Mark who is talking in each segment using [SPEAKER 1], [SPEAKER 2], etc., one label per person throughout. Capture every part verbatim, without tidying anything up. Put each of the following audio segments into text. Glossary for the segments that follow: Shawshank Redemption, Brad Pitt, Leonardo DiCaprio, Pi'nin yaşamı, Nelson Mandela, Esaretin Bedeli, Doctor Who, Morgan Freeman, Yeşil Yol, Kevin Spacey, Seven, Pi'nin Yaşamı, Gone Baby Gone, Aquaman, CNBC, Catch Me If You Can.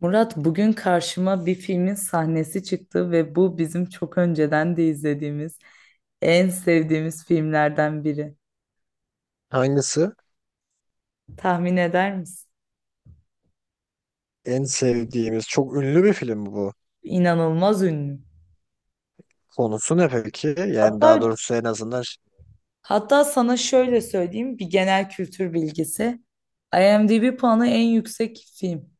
[SPEAKER 1] Murat bugün karşıma bir filmin sahnesi çıktı ve bu bizim çok önceden de izlediğimiz en sevdiğimiz filmlerden biri.
[SPEAKER 2] Hangisi?
[SPEAKER 1] Tahmin eder misin?
[SPEAKER 2] En sevdiğimiz. Çok ünlü bir film bu.
[SPEAKER 1] İnanılmaz ünlü.
[SPEAKER 2] Konusu ne peki? Yani daha
[SPEAKER 1] Hatta
[SPEAKER 2] doğrusu en azından ş-
[SPEAKER 1] hatta sana şöyle söyleyeyim, bir genel kültür bilgisi. I M D B puanı en yüksek film.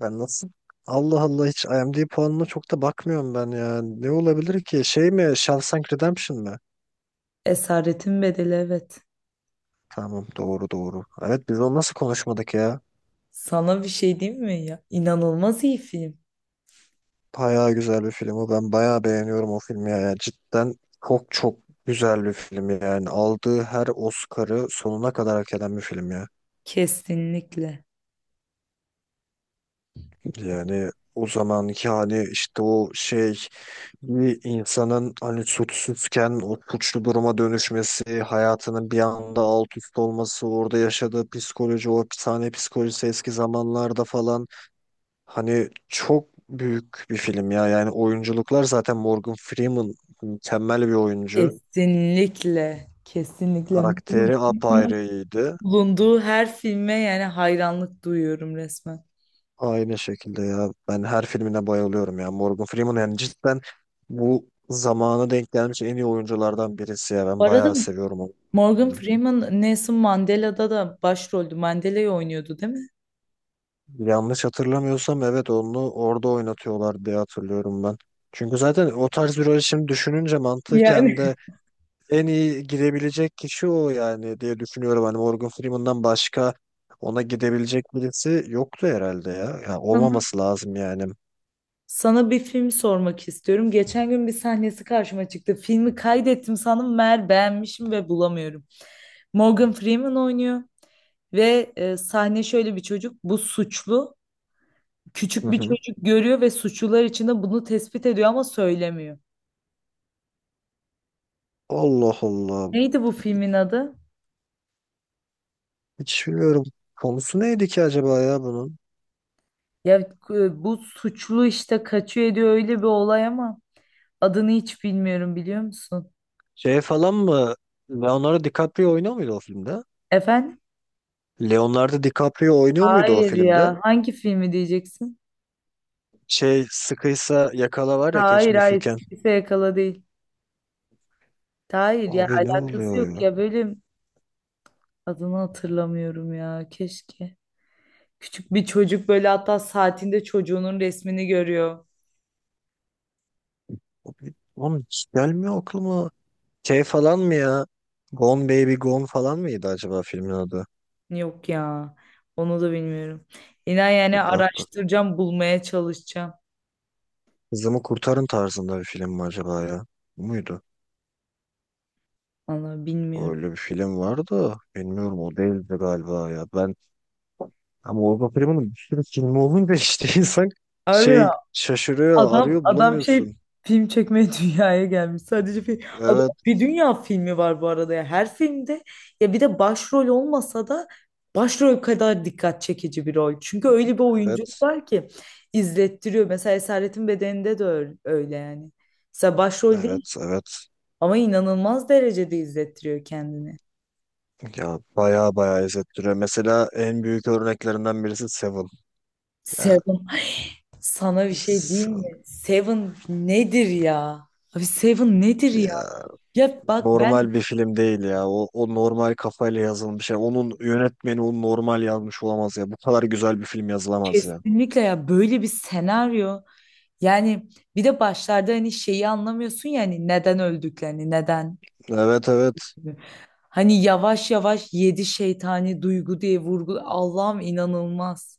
[SPEAKER 2] ben nasıl? Allah Allah hiç IMDb puanına çok da bakmıyorum ben ya. Ne olabilir ki? Şey mi? Shawshank Redemption mi?
[SPEAKER 1] Esaretin Bedeli, evet.
[SPEAKER 2] Tamam doğru doğru. Evet biz onu nasıl konuşmadık ya?
[SPEAKER 1] Sana bir şey diyeyim mi ya? İnanılmaz iyi film.
[SPEAKER 2] Bayağı güzel bir film o. Ben bayağı beğeniyorum o filmi ya. Yani cidden çok çok güzel bir film yani. Aldığı her Oscar'ı sonuna kadar hak eden bir film ya.
[SPEAKER 1] Kesinlikle.
[SPEAKER 2] Yani o zamanki hani işte o şey bir insanın hani suçsuzken o suçlu duruma dönüşmesi, hayatının bir anda alt üst olması, orada yaşadığı psikoloji, o hapishane psikolojisi eski zamanlarda falan hani çok büyük bir film ya. Yani oyunculuklar zaten Morgan Freeman mükemmel bir oyuncu.
[SPEAKER 1] Kesinlikle. Kesinlikle.
[SPEAKER 2] Karakteri apayrıydı.
[SPEAKER 1] Bulunduğu her filme yani hayranlık duyuyorum resmen.
[SPEAKER 2] Aynı şekilde ya. Ben her filmine bayılıyorum ya. Morgan Freeman yani cidden bu zamanı denk gelmiş en iyi oyunculardan birisi ya.
[SPEAKER 1] Bu
[SPEAKER 2] Ben
[SPEAKER 1] arada
[SPEAKER 2] bayağı seviyorum onu.
[SPEAKER 1] Morgan Freeman Nelson Mandela'da da başroldü. Mandela'yı oynuyordu değil mi?
[SPEAKER 2] Yanlış hatırlamıyorsam evet onu orada oynatıyorlar diye hatırlıyorum ben. Çünkü zaten o tarz bir rol şimdi düşününce mantıken
[SPEAKER 1] Yani
[SPEAKER 2] de en iyi gidebilecek kişi o yani diye düşünüyorum. Hani Morgan Freeman'dan başka ona gidebilecek birisi yoktu herhalde ya. Yani
[SPEAKER 1] sana,
[SPEAKER 2] olmaması lazım yani.
[SPEAKER 1] sana bir film sormak istiyorum. Geçen gün bir sahnesi karşıma çıktı. Filmi kaydettim sandım, meğer beğenmişim ve bulamıyorum. Morgan Freeman oynuyor ve e, sahne şöyle, bir çocuk, bu suçlu.
[SPEAKER 2] Hı
[SPEAKER 1] Küçük bir
[SPEAKER 2] hı.
[SPEAKER 1] çocuk görüyor ve suçlular içinde bunu tespit ediyor ama söylemiyor.
[SPEAKER 2] Allah Allah.
[SPEAKER 1] Neydi bu filmin adı?
[SPEAKER 2] Hiç bilmiyorum. Konusu neydi ki acaba ya bunun?
[SPEAKER 1] Ya e, bu suçlu işte, kaçıyor ediyor, öyle bir olay ama adını hiç bilmiyorum, biliyor musun?
[SPEAKER 2] Şey falan mı? Leonardo DiCaprio oynuyor muydu o filmde?
[SPEAKER 1] Efendim?
[SPEAKER 2] Leonardo DiCaprio oynuyor muydu o
[SPEAKER 1] Hayır
[SPEAKER 2] filmde?
[SPEAKER 1] ya. Hangi filmi diyeceksin?
[SPEAKER 2] Şey sıkıysa yakala var ya, Catch
[SPEAKER 1] Hayır,
[SPEAKER 2] Me If You
[SPEAKER 1] hayır.
[SPEAKER 2] Can.
[SPEAKER 1] Kimse yakala değil. Hayır ya,
[SPEAKER 2] Abi ne
[SPEAKER 1] alakası
[SPEAKER 2] oluyor
[SPEAKER 1] yok
[SPEAKER 2] ya?
[SPEAKER 1] ya, böyle adını hatırlamıyorum ya, keşke. Küçük bir çocuk böyle, hatta saatinde çocuğunun resmini görüyor.
[SPEAKER 2] Abi, oğlum hiç gelmiyor aklıma. Şey falan mı ya? Gone Baby Gone falan mıydı acaba filmin adı?
[SPEAKER 1] Yok ya, onu da bilmiyorum. İnan yani,
[SPEAKER 2] Bir bak bak.
[SPEAKER 1] araştıracağım, bulmaya çalışacağım.
[SPEAKER 2] Kızımı Kurtarın tarzında bir film mi acaba ya? Bu muydu?
[SPEAKER 1] Vallahi bilmiyorum.
[SPEAKER 2] Öyle bir film vardı. Bilmiyorum o değildi galiba ya. Ben ama Orga Prime'nin bir sürü filmi olunca işte insan
[SPEAKER 1] Harbi mi?
[SPEAKER 2] şey şaşırıyor,
[SPEAKER 1] Adam
[SPEAKER 2] arıyor
[SPEAKER 1] adam şey,
[SPEAKER 2] bulamıyorsun.
[SPEAKER 1] film çekmeye dünyaya gelmiş. Sadece film. Adam,
[SPEAKER 2] Evet,
[SPEAKER 1] bir dünya filmi var bu arada ya. Her filmde ya bir de başrol olmasa da başrol kadar dikkat çekici bir rol. Çünkü öyle bir oyunculuk
[SPEAKER 2] evet,
[SPEAKER 1] var ki izlettiriyor. Mesela Esaretin Bedeni'nde de öyle, öyle yani. Mesela başrol değil
[SPEAKER 2] evet, evet.
[SPEAKER 1] ama inanılmaz derecede izlettiriyor kendini.
[SPEAKER 2] Ya baya baya izlettiriyor. Mesela en büyük örneklerinden birisi Seven. Ya
[SPEAKER 1] Seven. Sana bir şey diyeyim
[SPEAKER 2] Seven
[SPEAKER 1] mi? Seven nedir ya? Abi Seven nedir ya?
[SPEAKER 2] ya.
[SPEAKER 1] Ya bak ben,
[SPEAKER 2] Normal bir film değil ya. O, o normal kafayla yazılmış ya. Onun yönetmeni onu normal yazmış olamaz ya. Bu kadar güzel bir film yazılamaz ya.
[SPEAKER 1] kesinlikle ya, böyle bir senaryo yani. Bir de başlarda hani şeyi anlamıyorsun yani, neden öldüklerini, neden,
[SPEAKER 2] Evet evet.
[SPEAKER 1] hani yavaş yavaş yedi şeytani duygu diye vurgul... Allah'ım, inanılmaz.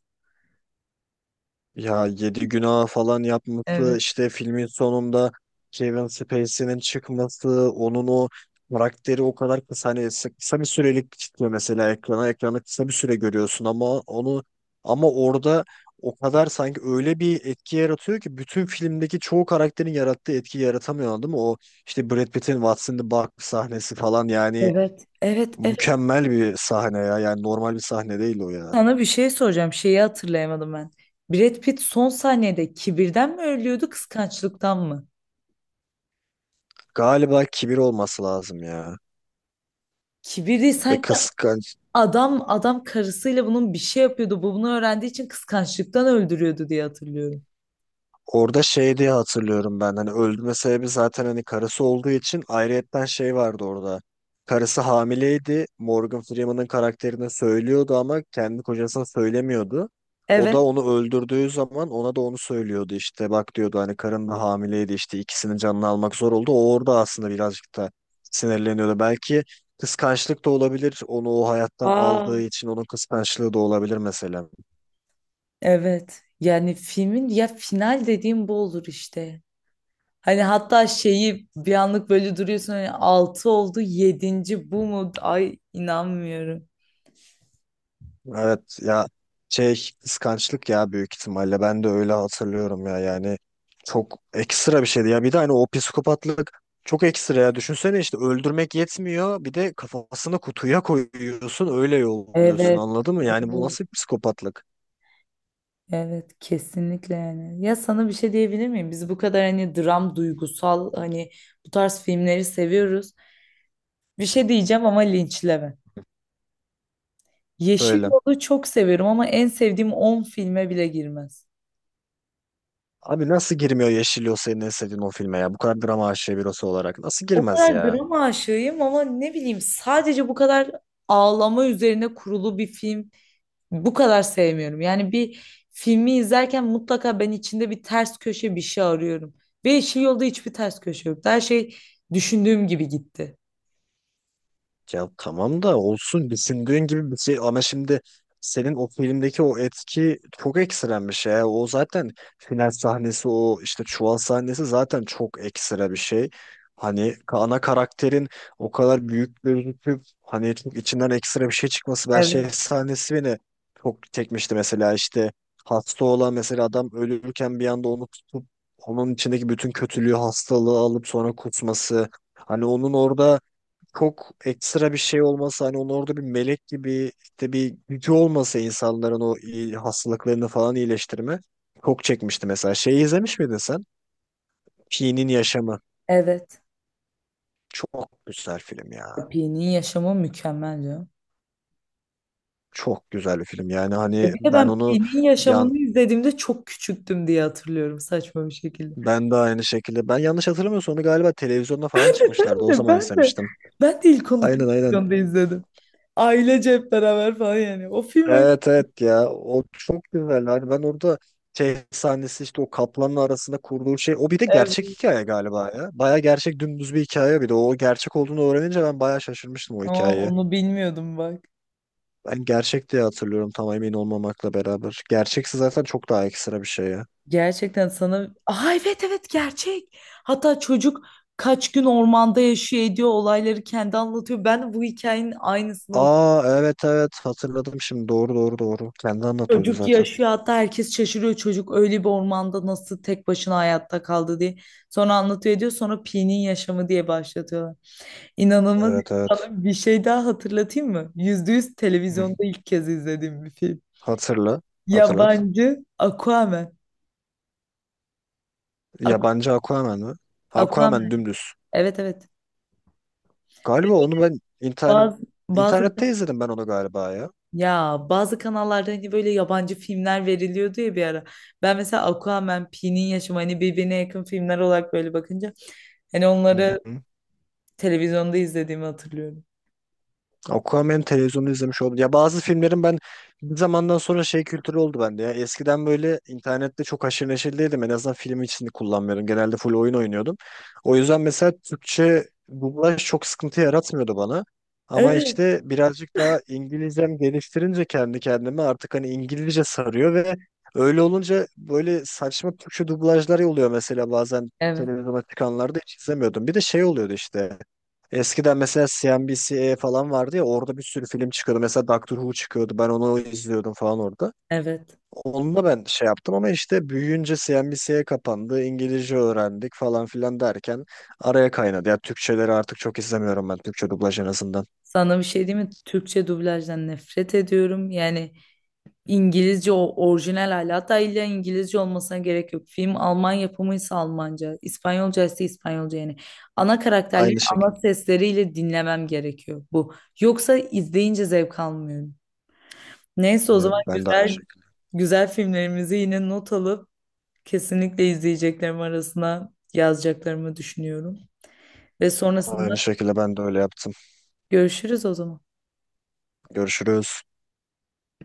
[SPEAKER 2] Ya yedi günah falan yapması
[SPEAKER 1] Evet.
[SPEAKER 2] işte filmin sonunda Kevin Spacey'nin çıkması, onun o karakteri o kadar kısa, hani s- kısa bir sürelik çıkıyor mesela ekrana, ekrana kısa bir süre görüyorsun ama onu, ama orada o kadar sanki öyle bir etki yaratıyor ki bütün filmdeki çoğu karakterin yarattığı etki yaratamıyor değil mi? O işte Brad Pitt'in What's in the Box sahnesi falan yani
[SPEAKER 1] Evet. Evet, evet,
[SPEAKER 2] mükemmel bir sahne ya, yani normal bir sahne değil o ya.
[SPEAKER 1] sana bir şey soracağım, şeyi hatırlayamadım ben. Brad Pitt son saniyede kibirden mi ölüyordu, kıskançlıktan mı?
[SPEAKER 2] Galiba kibir olması lazım ya,
[SPEAKER 1] Kibir değil
[SPEAKER 2] ve
[SPEAKER 1] sanki,
[SPEAKER 2] kıskanç.
[SPEAKER 1] adam adam karısıyla bunun bir şey yapıyordu, bu bunu öğrendiği için kıskançlıktan öldürüyordu diye hatırlıyorum.
[SPEAKER 2] Orada şey diye hatırlıyorum ben, hani öldürme sebebi zaten hani karısı olduğu için, ayrıyetten şey vardı orada. Karısı hamileydi. Morgan Freeman'ın karakterine söylüyordu ama kendi kocasına söylemiyordu. O
[SPEAKER 1] Evet.
[SPEAKER 2] da onu öldürdüğü zaman ona da onu söylüyordu, işte bak diyordu, hani karın da hamileydi, işte ikisinin canını almak zor oldu. O orada aslında birazcık da sinirleniyordu. Belki kıskançlık da olabilir, onu o hayattan
[SPEAKER 1] Aa,
[SPEAKER 2] aldığı için onun kıskançlığı da olabilir mesela.
[SPEAKER 1] evet. Yani filmin ya final dediğim bu olur işte. Hani hatta şeyi bir anlık böyle duruyorsun, hani altı oldu, yedinci bu mu? Ay, inanmıyorum.
[SPEAKER 2] Evet ya, şey kıskançlık ya, büyük ihtimalle ben de öyle hatırlıyorum ya. Yani çok ekstra bir şeydi ya, bir de hani o psikopatlık çok ekstra ya, düşünsene işte öldürmek yetmiyor, bir de kafasını kutuya koyuyorsun öyle yolluyorsun,
[SPEAKER 1] Evet.
[SPEAKER 2] anladın mı yani, bu
[SPEAKER 1] Evet.
[SPEAKER 2] nasıl bir psikopatlık
[SPEAKER 1] Evet, kesinlikle yani. Ya sana bir şey diyebilir miyim? Biz bu kadar hani dram, duygusal, hani bu tarz filmleri seviyoruz. Bir şey diyeceğim ama linçleme. Yeşil
[SPEAKER 2] böyle.
[SPEAKER 1] Yol'u çok seviyorum ama en sevdiğim on filme bile girmez.
[SPEAKER 2] Abi nasıl girmiyor Yeşil Yol senin en sevdiğin o filme ya, bu kadar drama aşığı birisi olarak nasıl
[SPEAKER 1] O
[SPEAKER 2] girmez
[SPEAKER 1] kadar
[SPEAKER 2] ya.
[SPEAKER 1] drama aşığıyım ama ne bileyim, sadece bu kadar ağlama üzerine kurulu bir film bu kadar sevmiyorum. Yani bir filmi izlerken mutlaka ben içinde bir ters köşe, bir şey arıyorum. Ve Yeşil Yolda hiçbir ters köşe yoktu. Her şey düşündüğüm gibi gitti.
[SPEAKER 2] Ya tamam da, olsun düşündüğün gibi bir şey, ama şimdi senin o filmdeki o etki çok ekstrem bir şey ya. O zaten final sahnesi, o işte çuval sahnesi zaten çok ekstra bir şey. Hani ana karakterin o kadar büyük gözüküp hani çok içinden ekstra bir şey çıkması, ben şey
[SPEAKER 1] Evet.
[SPEAKER 2] sahnesi beni çok çekmişti mesela, işte hasta olan mesela adam ölürken bir anda onu tutup onun içindeki bütün kötülüğü, hastalığı alıp sonra kusması. Hani onun orada çok ekstra bir şey olmasa, hani onun orada bir melek gibi işte bir gücü olmasa insanların o iyi- hastalıklarını falan iyileştirme, çok çekmişti mesela. Şeyi izlemiş miydin sen? Pi'nin Yaşamı.
[SPEAKER 1] Evet.
[SPEAKER 2] Çok güzel film ya.
[SPEAKER 1] Pi'nin yaşamı mükemmel, canım.
[SPEAKER 2] Çok güzel bir film. Yani
[SPEAKER 1] Ya
[SPEAKER 2] hani
[SPEAKER 1] bir de
[SPEAKER 2] ben
[SPEAKER 1] ben
[SPEAKER 2] onu,
[SPEAKER 1] Pi'nin yaşamını
[SPEAKER 2] yan
[SPEAKER 1] izlediğimde çok küçüktüm diye hatırlıyorum, saçma bir şekilde.
[SPEAKER 2] ben de aynı şekilde, ben yanlış hatırlamıyorsam onu galiba televizyonda falan çıkmışlardı. O
[SPEAKER 1] Ben de
[SPEAKER 2] zaman
[SPEAKER 1] ben de
[SPEAKER 2] izlemiştim.
[SPEAKER 1] ben de ilk onu
[SPEAKER 2] Aynen aynen.
[SPEAKER 1] televizyonda izledim. Ailece hep beraber falan yani. O film öyle.
[SPEAKER 2] Evet evet ya, o çok güzel, hani ben orada şey sahnesi, işte o kaplanla arasında kurduğu şey, o bir de
[SPEAKER 1] Evet.
[SPEAKER 2] gerçek hikaye galiba ya, baya gerçek dümdüz bir hikaye, bir de o gerçek olduğunu öğrenince ben baya şaşırmıştım o
[SPEAKER 1] Aa,
[SPEAKER 2] hikayeyi.
[SPEAKER 1] onu bilmiyordum bak.
[SPEAKER 2] Ben gerçek diye hatırlıyorum, tam emin olmamakla beraber, gerçekse zaten çok daha ekstra bir şey ya.
[SPEAKER 1] Gerçekten sana... Aa, evet evet, gerçek. Hatta çocuk kaç gün ormanda yaşıyor ediyor, olayları kendi anlatıyor. Ben bu hikayenin aynısını...
[SPEAKER 2] Aa evet evet, hatırladım şimdi, doğru doğru doğru, kendi anlatıyordu
[SPEAKER 1] Çocuk
[SPEAKER 2] zaten.
[SPEAKER 1] yaşıyor, hatta herkes şaşırıyor çocuk öyle bir ormanda nasıl tek başına hayatta kaldı diye. Sonra anlatıyor ediyor, sonra Pi'nin yaşamı diye başlatıyorlar. İnanılmaz.
[SPEAKER 2] Evet evet.
[SPEAKER 1] Sana bir şey daha hatırlatayım mı? Yüzde yüz
[SPEAKER 2] Hı.
[SPEAKER 1] televizyonda ilk kez izlediğim bir film.
[SPEAKER 2] hatırla Hatırlat.
[SPEAKER 1] Yabancı Aquaman. Aqu-
[SPEAKER 2] Yabancı Aquaman mı?
[SPEAKER 1] Aquaman.
[SPEAKER 2] Aquaman dümdüz.
[SPEAKER 1] Evet, evet.
[SPEAKER 2] Galiba onu ben internet
[SPEAKER 1] Bazı bazı
[SPEAKER 2] internette izledim ben, onu galiba ya.
[SPEAKER 1] ya, bazı kanallarda hani böyle yabancı filmler veriliyordu ya bir ara. Ben mesela Aquaman, Pi'nin yaşamı hani birbirine yakın filmler olarak böyle bakınca, hani
[SPEAKER 2] Hı
[SPEAKER 1] onları
[SPEAKER 2] hı.
[SPEAKER 1] televizyonda izlediğimi hatırlıyorum.
[SPEAKER 2] Aquaman televizyonu izlemiş oldum. Ya bazı filmlerin ben bir zamandan sonra şey kültürü oldu bende ya. Eskiden böyle internette çok haşır neşir değildim. En azından film için kullanmıyorum. Genelde full oyun oynuyordum. O yüzden mesela Türkçe dublaj çok sıkıntı yaratmıyordu bana. Ama
[SPEAKER 1] Evet.
[SPEAKER 2] işte birazcık daha İngilizcem geliştirince kendi kendime artık hani İngilizce sarıyor ve öyle olunca böyle saçma Türkçe dublajlar oluyor mesela, bazen
[SPEAKER 1] Evet.
[SPEAKER 2] televizyona çıkanlarda hiç izlemiyordum. Bir de şey oluyordu işte. Eskiden mesela C N B C'ye falan vardı ya, orada bir sürü film çıkıyordu. Mesela Doctor Who çıkıyordu. Ben onu izliyordum falan orada.
[SPEAKER 1] Evet.
[SPEAKER 2] Onunla ben şey yaptım, ama işte büyüyünce C N B C'ye kapandı, İngilizce öğrendik falan filan derken araya kaynadı. Ya Türkçeleri artık çok izlemiyorum ben. Türkçe dublaj en azından.
[SPEAKER 1] Sana bir şey diyeyim mi? Türkçe dublajdan nefret ediyorum. Yani İngilizce, o orijinal hali. Hatta illa İngilizce olmasına gerek yok. Film Alman yapımıysa Almanca, İspanyolca ise İspanyolca yani. Ana karakterleri
[SPEAKER 2] Aynı
[SPEAKER 1] ana
[SPEAKER 2] şekilde.
[SPEAKER 1] sesleriyle dinlemem gerekiyor bu. Yoksa izleyince zevk almıyorum. Neyse, o
[SPEAKER 2] Ya
[SPEAKER 1] zaman
[SPEAKER 2] ben de aynı
[SPEAKER 1] güzel
[SPEAKER 2] şekilde.
[SPEAKER 1] güzel filmlerimizi yine not alıp kesinlikle izleyeceklerim arasına yazacaklarımı düşünüyorum. Ve sonrasında
[SPEAKER 2] Aynı şekilde ben de öyle yaptım.
[SPEAKER 1] görüşürüz o zaman.
[SPEAKER 2] Görüşürüz.